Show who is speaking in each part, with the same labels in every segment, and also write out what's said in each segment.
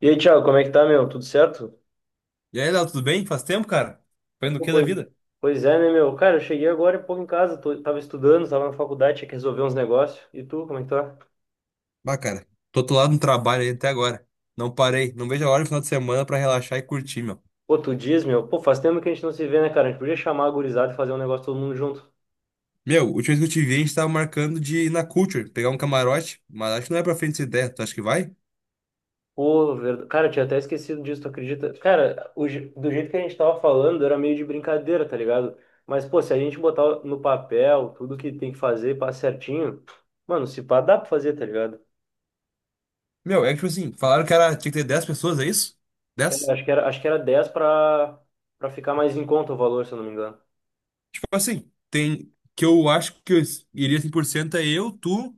Speaker 1: E aí, Thiago, como é que tá, meu? Tudo certo?
Speaker 2: E aí, Léo, tudo bem? Faz tempo, cara? Fazendo o
Speaker 1: Pô,
Speaker 2: que da
Speaker 1: pois,
Speaker 2: vida?
Speaker 1: pois é, né, meu? Cara, eu cheguei agora há pouco em casa, tava estudando, tava na faculdade, tinha que resolver uns negócios. E tu, como é que tá?
Speaker 2: Bah, cara, tô atolado no trabalho aí até agora. Não parei, não vejo a hora do final de semana pra relaxar e curtir, meu.
Speaker 1: Pô, tu diz, meu? Pô, faz tempo que a gente não se vê, né, cara? A gente podia chamar a gurizada e fazer um negócio todo mundo junto.
Speaker 2: Meu, última vez que eu te vi, a gente tava marcando de ir na Culture, pegar um camarote, mas acho que não é pra frente essa ideia. Tu acha que vai?
Speaker 1: Pô, verdade. Cara, eu tinha até esquecido disso, tu acredita? Cara, do jeito que a gente tava falando, era meio de brincadeira, tá ligado? Mas, pô, se a gente botar no papel tudo que tem que fazer, e pá, certinho, mano, se pá, dá pra fazer, tá ligado?
Speaker 2: Meu, é que tipo assim, falaram que era, tinha que ter 10 pessoas, é isso?
Speaker 1: É,
Speaker 2: 10.
Speaker 1: acho que era 10 para ficar mais em conta o valor, se eu não me engano.
Speaker 2: Tipo assim, tem. Que eu acho que eu iria 100% é eu, tu,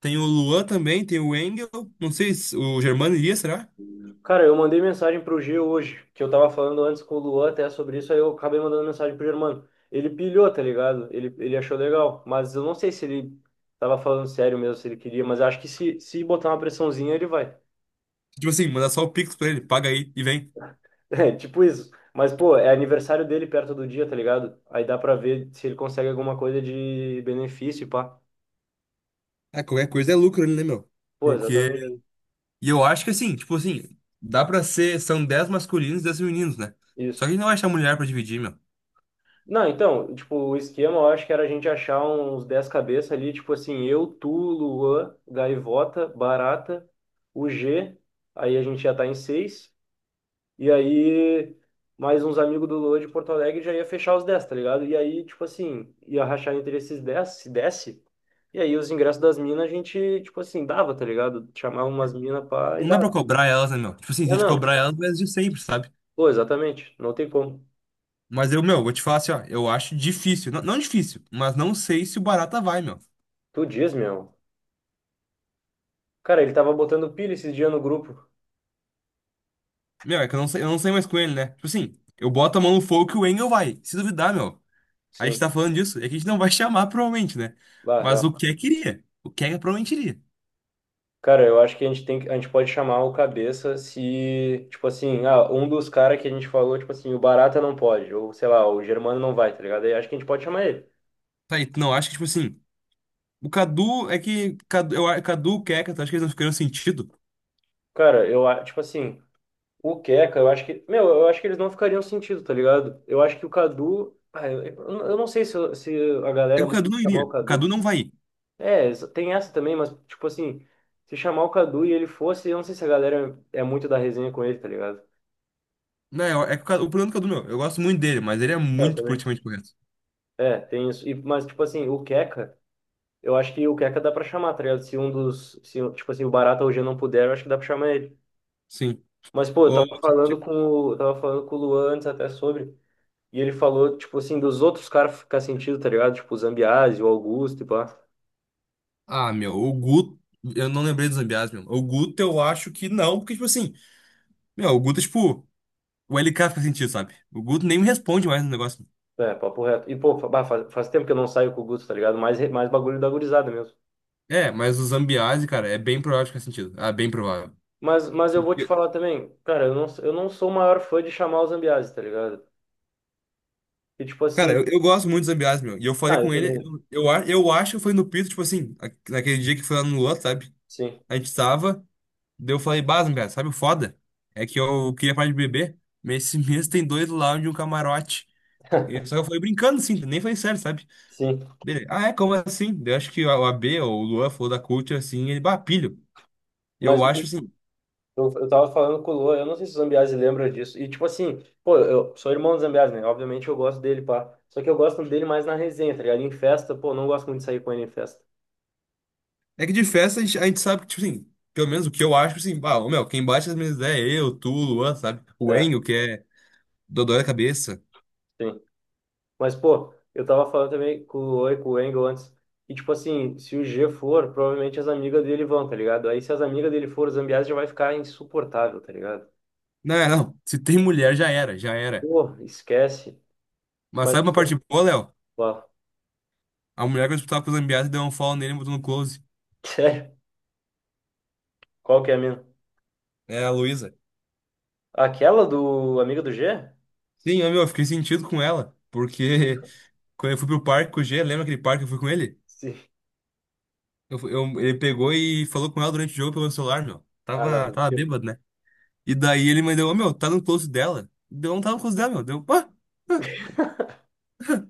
Speaker 2: tem o Luan também, tem o Engel, não sei se o Germano iria, será?
Speaker 1: Cara, eu mandei mensagem pro G hoje, que eu tava falando antes com o Luan até sobre isso, aí eu acabei mandando mensagem pro Germano. Ele pilhou, tá ligado? Ele achou legal, mas eu não sei se ele tava falando sério mesmo, se ele queria, mas acho que se botar uma pressãozinha, ele vai.
Speaker 2: Tipo assim, mandar só o Pix pra ele, paga aí e vem.
Speaker 1: É, tipo isso. Mas, pô, é aniversário dele perto do dia, tá ligado? Aí dá pra ver se ele consegue alguma coisa de benefício, e pá.
Speaker 2: Ah, qualquer coisa é lucro, né, meu?
Speaker 1: Pô,
Speaker 2: Porque.
Speaker 1: exatamente.
Speaker 2: E eu acho que assim, tipo assim, dá pra ser. São 10 masculinos e 10 femininos, né? Só que a
Speaker 1: Isso.
Speaker 2: gente não vai achar mulher pra dividir, meu.
Speaker 1: Não, então, tipo, o esquema eu acho que era a gente achar uns 10 cabeças ali, tipo assim, eu, tu, Luan, Gaivota, Barata, o G, aí a gente já tá em 6, e aí mais uns amigos do Luan de Porto Alegre já ia fechar os 10, tá ligado? E aí, tipo assim, ia rachar entre esses 10, se desse, e aí os ingressos das minas a gente, tipo assim, dava, tá ligado? Chamava umas minas pra e
Speaker 2: Não dá pra
Speaker 1: dava.
Speaker 2: cobrar elas, né, meu? Tipo assim, se a
Speaker 1: É,
Speaker 2: gente
Speaker 1: não,
Speaker 2: cobrar elas, vai de sempre, sabe?
Speaker 1: pô, exatamente, não tem como.
Speaker 2: Mas eu, meu, vou te falar assim, ó, eu acho difícil. Não, não difícil, mas não sei se o Barata vai, meu.
Speaker 1: Tu diz, meu. Cara, ele tava botando pilha esses dias no grupo.
Speaker 2: Meu, é que eu não sei mais com ele, né? Tipo assim, eu boto a mão no fogo que o Engel vai. Se duvidar, meu. A gente
Speaker 1: Sim.
Speaker 2: tá falando disso, é que a gente não vai chamar, provavelmente, né?
Speaker 1: Bah,
Speaker 2: Mas
Speaker 1: real.
Speaker 2: o que queria. O que provavelmente iria.
Speaker 1: Cara, eu acho que a gente a gente pode chamar o cabeça se, tipo assim, ah, um dos caras que a gente falou, tipo assim, o Barata não pode, ou sei lá, o Germano não vai, tá ligado? Aí acho que a gente pode chamar ele.
Speaker 2: Tá, e tu não acha que, tipo assim. O Cadu é que. Cadu, Cadu, Keka, acho que eles não ficaram sentido.
Speaker 1: Cara, tipo assim, o Keka eu acho que, meu, eu acho que eles não ficariam sentido, tá ligado? Eu acho que o Cadu, ah, eu não sei se a
Speaker 2: É
Speaker 1: galera é
Speaker 2: que o
Speaker 1: muito
Speaker 2: Cadu não
Speaker 1: de chamar
Speaker 2: iria.
Speaker 1: o
Speaker 2: O Cadu
Speaker 1: Cadu.
Speaker 2: não vai ir.
Speaker 1: É, tem essa também, mas, tipo assim, se chamar o Cadu e ele fosse, eu não sei se a galera é muito da resenha com ele, tá ligado?
Speaker 2: Não, é que o, o problema do Cadu, meu. Eu gosto muito dele, mas ele é
Speaker 1: Eu
Speaker 2: muito
Speaker 1: também.
Speaker 2: politicamente correto.
Speaker 1: É, tem isso. E, mas, tipo assim, o keka eu acho que o Keka dá pra chamar, tá ligado? Se um dos. Se, um, tipo assim, o Barata hoje não puder, eu acho que dá pra chamar ele.
Speaker 2: Sim.
Speaker 1: Mas, pô, eu
Speaker 2: Ô,
Speaker 1: tava falando
Speaker 2: ti-
Speaker 1: com o Luan antes até sobre. E ele falou, tipo assim, dos outros caras ficar sentido, tá ligado? Tipo, o Zambiase, o Augusto e pá.
Speaker 2: ah, meu, o Guto. Eu não lembrei dos Zambiás, meu. O Guto eu acho que não, porque, tipo assim. Meu, o Guto é tipo. O LK fica sentido, sabe? O Guto nem me responde mais no negócio.
Speaker 1: É, papo reto. E, pô, bah, faz tempo que eu não saio com o Gusto, tá ligado? Mais, mais bagulho da gurizada mesmo.
Speaker 2: É, mas o Zambiase, cara, é bem provável que faz sentido. Ah, bem provável.
Speaker 1: Mas eu vou te falar também, cara, eu não sou o maior fã de chamar o Zambiase, tá ligado? E, tipo
Speaker 2: Cara,
Speaker 1: assim.
Speaker 2: eu gosto muito do Zambiás, meu. E eu falei
Speaker 1: Ah, eu
Speaker 2: com ele,
Speaker 1: também.
Speaker 2: eu acho que foi no Pito, tipo assim, naquele dia que foi lá no Luan, sabe?
Speaker 1: Sim,
Speaker 2: A gente tava, daí eu falei, bah, Zambiás, sabe o foda? É que eu queria parar de beber, mas esse mês tem dois lounge e um camarote. E, só que eu falei brincando, assim, nem falei sério, sabe?
Speaker 1: sim.
Speaker 2: Dele, ah, é, como assim? Daí eu acho que o AB ou o Luan falou da Culture, assim, ele, bah, pilho.
Speaker 1: Mas.
Speaker 2: Eu acho, assim,
Speaker 1: Eu tava falando com o Lua, eu não sei se o Zambiase lembra disso. E, tipo assim, pô, eu sou irmão do Zambiase, né? Obviamente eu gosto dele, pá. Só que eu gosto dele mais na resenha, tá ligado? Em festa, pô, não gosto muito de sair com ele em festa.
Speaker 2: é que de festa a gente sabe que, tipo assim, pelo menos o que eu acho, assim, bah, ô, meu, quem bate as minhas ideias é eu, tu, o Luan, sabe? O
Speaker 1: É,
Speaker 2: Enio, que é dodói da cabeça.
Speaker 1: sim. Mas, pô, eu tava falando também com o Lua e com o Engel antes. E, tipo assim, se o G for, provavelmente as amigas dele vão, tá ligado? Aí, se as amigas dele for, o Zambiase já vai ficar insuportável, tá ligado?
Speaker 2: Não, é, não. Se tem mulher, já era, já era.
Speaker 1: Pô, esquece.
Speaker 2: Mas
Speaker 1: Mas,
Speaker 2: sabe uma parte
Speaker 1: pô,
Speaker 2: boa, Léo?
Speaker 1: ó,
Speaker 2: A mulher que eu disputava com o Zambiasi deu um follow nele e botou no close.
Speaker 1: sério, qual que é a minha?
Speaker 2: É a Luísa.
Speaker 1: Aquela do amigo do G?
Speaker 2: Sim, eu, meu, eu fiquei sentido com ela. Porque quando eu fui pro parque com o G, lembra aquele parque que eu fui com ele?
Speaker 1: Sim.
Speaker 2: Ele pegou e falou com ela durante o jogo pelo celular, meu.
Speaker 1: Ah, não,
Speaker 2: Tava
Speaker 1: mentira.
Speaker 2: bêbado, né? E daí ele mandou, ô, meu, tá no close dela. Deu, não tava no close dela, meu. Deu, pá,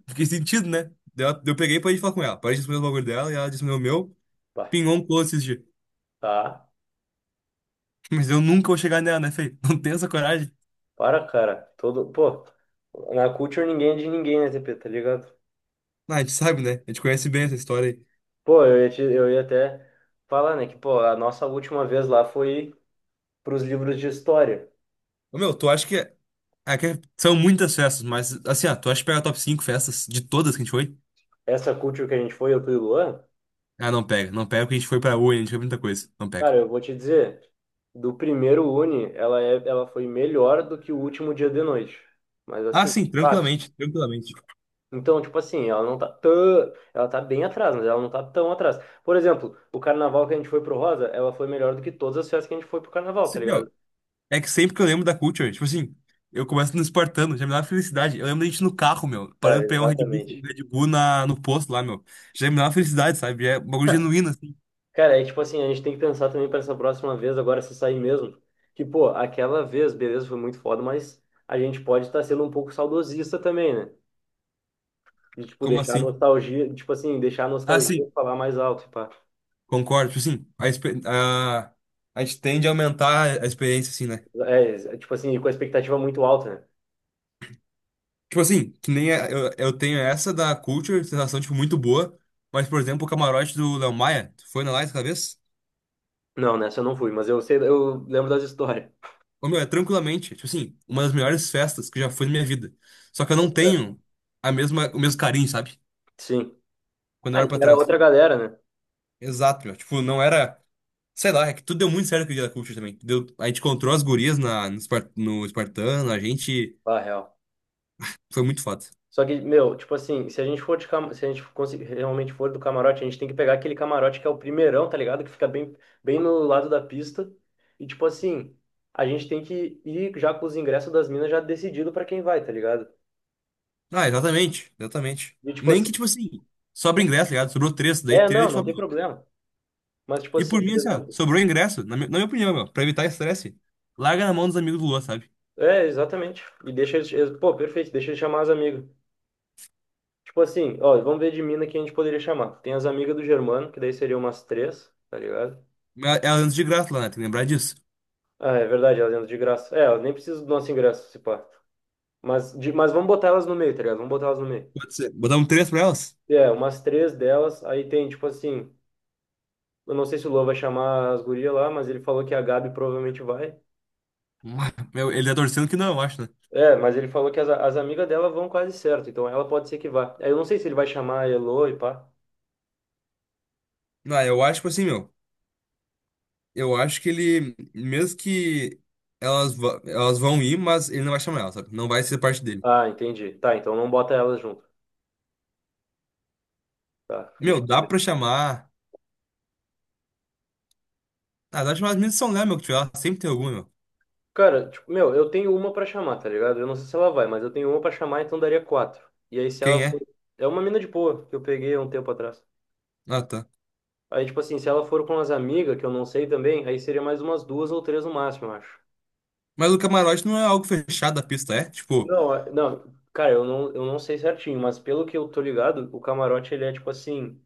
Speaker 2: fiquei sentido, né? Daí eu peguei e parei de falar com ela. Parei de responder o bagulho dela e ela disse, meu,
Speaker 1: Pá.
Speaker 2: pingou um close esse dia.
Speaker 1: Tá.
Speaker 2: Mas eu nunca vou chegar nela, né, Fê? Não tenho essa coragem.
Speaker 1: Para, cara. Todo, pô, na Culture ninguém é de ninguém, né, TP, tá ligado?
Speaker 2: Ah, a gente sabe, né? A gente conhece bem essa história aí.
Speaker 1: Pô, eu ia até falar, né, que, pô, a nossa última vez lá foi pros livros de história.
Speaker 2: Ô, meu, tu acha que. Ah, que são muitas festas, mas assim, ó, tu acha que pega top 5 festas de todas que a gente foi?
Speaker 1: Essa Culture que a gente foi, eu fui o Luan,
Speaker 2: Ah, não pega. Não pega porque a gente foi pra Uni, a gente foi pra muita coisa. Não pega.
Speaker 1: cara, eu vou te dizer, do primeiro Uni, ela foi melhor do que o último dia de noite. Mas
Speaker 2: Ah,
Speaker 1: assim,
Speaker 2: sim,
Speaker 1: fácil.
Speaker 2: tranquilamente, tranquilamente.
Speaker 1: Então, tipo assim, ela não tá tão. Ela tá bem atrás, mas ela não tá tão atrás. Por exemplo, o carnaval que a gente foi pro Rosa, ela foi melhor do que todas as festas que a gente foi pro carnaval, tá
Speaker 2: Sim,
Speaker 1: ligado?
Speaker 2: meu, é que sempre que eu lembro da Culture, tipo assim, eu começo no Espartano, já me dá uma felicidade. Eu lembro da gente no carro, meu, parando
Speaker 1: Cara,
Speaker 2: pra pegar um
Speaker 1: exatamente.
Speaker 2: Red Bull na, no posto lá, meu. Já me dá uma felicidade, sabe? Já é um bagulho genuíno, assim.
Speaker 1: Cara, é tipo assim, a gente tem que pensar também para essa próxima vez, agora se sair mesmo, que, pô, aquela vez, beleza, foi muito foda, mas a gente pode estar sendo um pouco saudosista também, né? De, tipo,
Speaker 2: Como
Speaker 1: deixar a
Speaker 2: assim?
Speaker 1: nostalgia, tipo assim, deixar a
Speaker 2: Ah,
Speaker 1: nostalgia
Speaker 2: sim.
Speaker 1: falar mais alto, pá.
Speaker 2: Concordo, tipo assim, a gente tende a aumentar a experiência, assim, né?
Speaker 1: É, tipo assim, com a expectativa muito alta, né?
Speaker 2: Tipo assim, que nem eu tenho essa da Culture, sensação, tipo, muito boa, mas, por exemplo, o camarote do Léo Maia, tu foi na lá essa vez?
Speaker 1: Não, nessa eu não fui, mas eu sei, eu lembro das histórias.
Speaker 2: Ô, meu, é tranquilamente, tipo assim, uma das melhores festas que eu já fui na minha vida. Só que eu não
Speaker 1: É.
Speaker 2: tenho a mesma, o mesmo carinho, sabe?
Speaker 1: Sim.
Speaker 2: Quando eu
Speaker 1: Ah,
Speaker 2: era
Speaker 1: e
Speaker 2: pra
Speaker 1: era
Speaker 2: trás.
Speaker 1: outra galera, né?
Speaker 2: Exato, meu, tipo, não era, sei lá, é que tudo deu muito certo com o dia da Culture também. Deu, a gente encontrou as gurias na, no, no Espartano, a gente,
Speaker 1: Ah, real.
Speaker 2: foi muito foda.
Speaker 1: Só que, meu, tipo assim, se a gente for se a gente conseguir, realmente for do camarote, a gente tem que pegar aquele camarote que é o primeirão, tá ligado? Que fica bem, bem no lado da pista. E, tipo assim, a gente tem que ir já com os ingressos das minas já decidido pra quem vai, tá ligado?
Speaker 2: Ah, exatamente, exatamente.
Speaker 1: E, tipo
Speaker 2: Nem
Speaker 1: assim,
Speaker 2: que, tipo assim, sobra ingresso, tá ligado? Sobrou três, daí
Speaker 1: é,
Speaker 2: três a
Speaker 1: não,
Speaker 2: gente
Speaker 1: não
Speaker 2: fala,
Speaker 1: tem
Speaker 2: meu.
Speaker 1: problema. Mas, tipo
Speaker 2: E
Speaker 1: assim,
Speaker 2: por mim,
Speaker 1: por
Speaker 2: assim, ó,
Speaker 1: exemplo,
Speaker 2: sobrou ingresso, na minha opinião, meu, pra evitar estresse, larga na mão dos amigos do Luan, sabe?
Speaker 1: é, exatamente. E pô, perfeito, deixa eles chamar as amigas. Tipo assim, ó, vamos ver de mina que a gente poderia chamar. Tem as amigas do Germano, que daí seriam umas três, tá ligado?
Speaker 2: Mas elas andam de graça lá, né? Tem que lembrar disso.
Speaker 1: Ah, é verdade, elas entram de graça. É, elas nem precisam do nosso ingresso, se pá. Mas vamos botar elas no meio, tá ligado? Vamos botar elas no meio.
Speaker 2: Pode ser. Botar um três pra elas?
Speaker 1: É, umas três delas, aí tem, tipo assim, eu não sei se o Lô vai chamar as gurias lá, mas ele falou que a Gabi provavelmente vai.
Speaker 2: Ah, meu, ele tá torcendo que não, eu acho, né?
Speaker 1: É, mas ele falou que as amigas dela vão quase certo, então ela pode ser que vá. Aí eu não sei se ele vai chamar a Elô e pá.
Speaker 2: Não, eu acho, tipo assim, meu, eu acho que ele, mesmo que elas vão ir, mas ele não vai chamar elas, sabe? Não vai ser parte dele.
Speaker 1: Ah, entendi. Tá, então não bota elas junto. Tá, deixa
Speaker 2: Meu,
Speaker 1: eu
Speaker 2: dá
Speaker 1: ver.
Speaker 2: pra chamar. Ah, dá pra chamar as meninas de São Léo, meu, que tiver lá. Sempre tem alguma, meu.
Speaker 1: Cara, tipo, meu, eu tenho uma pra chamar, tá ligado? Eu não sei se ela vai, mas eu tenho uma pra chamar, então daria quatro. E aí se ela
Speaker 2: Quem
Speaker 1: for...
Speaker 2: é?
Speaker 1: É uma mina de boa, que eu peguei há um tempo atrás.
Speaker 2: Ah, tá.
Speaker 1: Aí, tipo assim, se ela for com as amigas, que eu não sei também, aí seria mais umas duas ou três no máximo, eu acho.
Speaker 2: Mas o camarote não é algo fechado da pista, é? Tipo,
Speaker 1: Não, não, cara, eu não sei certinho, mas pelo que eu tô ligado, o camarote, ele é tipo assim...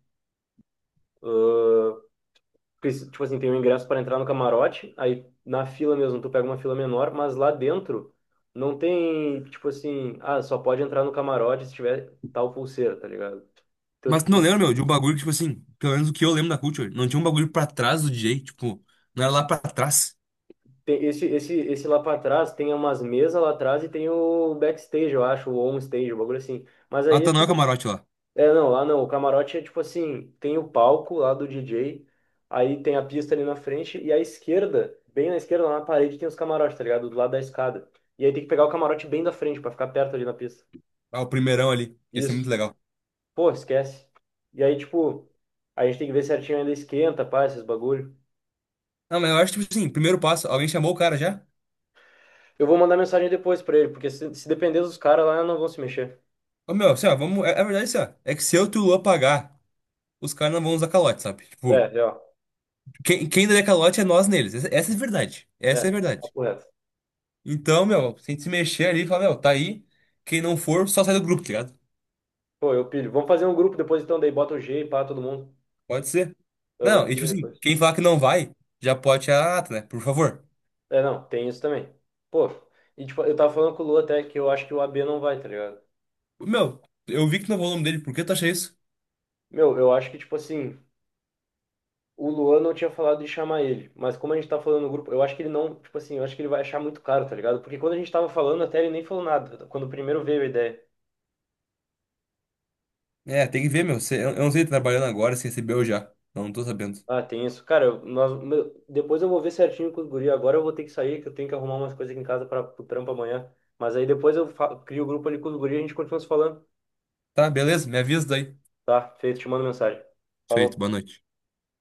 Speaker 1: Porque, tipo assim, tem um ingresso para entrar no camarote, aí na fila mesmo tu pega uma fila menor, mas lá dentro não tem, tipo assim, ah, só pode entrar no camarote se tiver tal pulseira, tá ligado? Então,
Speaker 2: mas tu não
Speaker 1: tipo,
Speaker 2: lembra, meu, de um bagulho, que, tipo assim, pelo menos o que eu lembro da Culture, não tinha um bagulho pra trás do DJ, tipo, não era lá pra trás.
Speaker 1: tem esse lá pra trás, tem umas mesas lá atrás e tem o backstage, eu acho, ou on stage, um bagulho assim. Mas
Speaker 2: Ah,
Speaker 1: aí,
Speaker 2: tá, não é o
Speaker 1: assim,
Speaker 2: camarote lá.
Speaker 1: é, não, lá não. O camarote é tipo assim, tem o palco lá do DJ, aí tem a pista ali na frente e à esquerda, bem na esquerda, lá na parede tem os camarotes, tá ligado? Do lado da escada. E aí tem que pegar o camarote bem da frente pra ficar perto ali na pista.
Speaker 2: Ah, o primeirão ali. Ia ser muito
Speaker 1: Isso.
Speaker 2: legal.
Speaker 1: Pô, esquece. E aí, tipo, a gente tem que ver certinho ainda esquenta, pá, esses bagulho.
Speaker 2: Não, mas eu acho, tipo assim, primeiro passo, alguém chamou o cara já?
Speaker 1: Eu vou mandar mensagem depois pra ele, porque se depender dos caras lá, não vão se mexer.
Speaker 2: Ô, meu, assim, ó, vamos, é, é verdade, assim, ó, é que se eu e tu Luan pagar, os caras não vão usar calote, sabe?
Speaker 1: É,
Speaker 2: Tipo,
Speaker 1: real.
Speaker 2: quem der calote é nós neles, essa é a verdade,
Speaker 1: É,
Speaker 2: essa é a verdade.
Speaker 1: papo reto.
Speaker 2: Então, meu, se a gente se mexer ali, e falar, meu, tá aí, quem não for, só sai do grupo, tá ligado?
Speaker 1: Pô, eu pilho. Vamos fazer um grupo depois então, daí bota o G e pá, todo mundo.
Speaker 2: Pode ser.
Speaker 1: Eu vou
Speaker 2: Não, e tipo
Speaker 1: fazer
Speaker 2: assim,
Speaker 1: depois.
Speaker 2: quem falar que não vai, já pode tirar a nata, né? Por favor.
Speaker 1: É, não, tem isso também. Pô, e tipo, eu tava falando com o Lu até que eu acho que o AB não vai, tá ligado?
Speaker 2: Meu, eu vi que não vou o nome dele, por que tu acha isso?
Speaker 1: Meu, eu acho que, tipo assim, o Luan não tinha falado de chamar ele, mas como a gente tá falando no grupo, eu acho que ele não, tipo assim, eu acho que ele vai achar muito caro, tá ligado? Porque quando a gente tava falando, até ele nem falou nada, quando primeiro veio a ideia.
Speaker 2: É, tem que ver, meu. Eu não sei se ele tá trabalhando agora, se recebeu já. Não tô sabendo.
Speaker 1: Ah, tem isso. Cara, nós, meu, depois eu vou ver certinho com os guri. Agora eu vou ter que sair, que eu tenho que arrumar umas coisas aqui em casa para o trampo amanhã. Mas aí depois eu crio o grupo ali com os guri e a gente continua se falando.
Speaker 2: Tá, beleza, me avisa daí.
Speaker 1: Tá, feito, te mando mensagem.
Speaker 2: Feito,
Speaker 1: Falou.
Speaker 2: boa noite.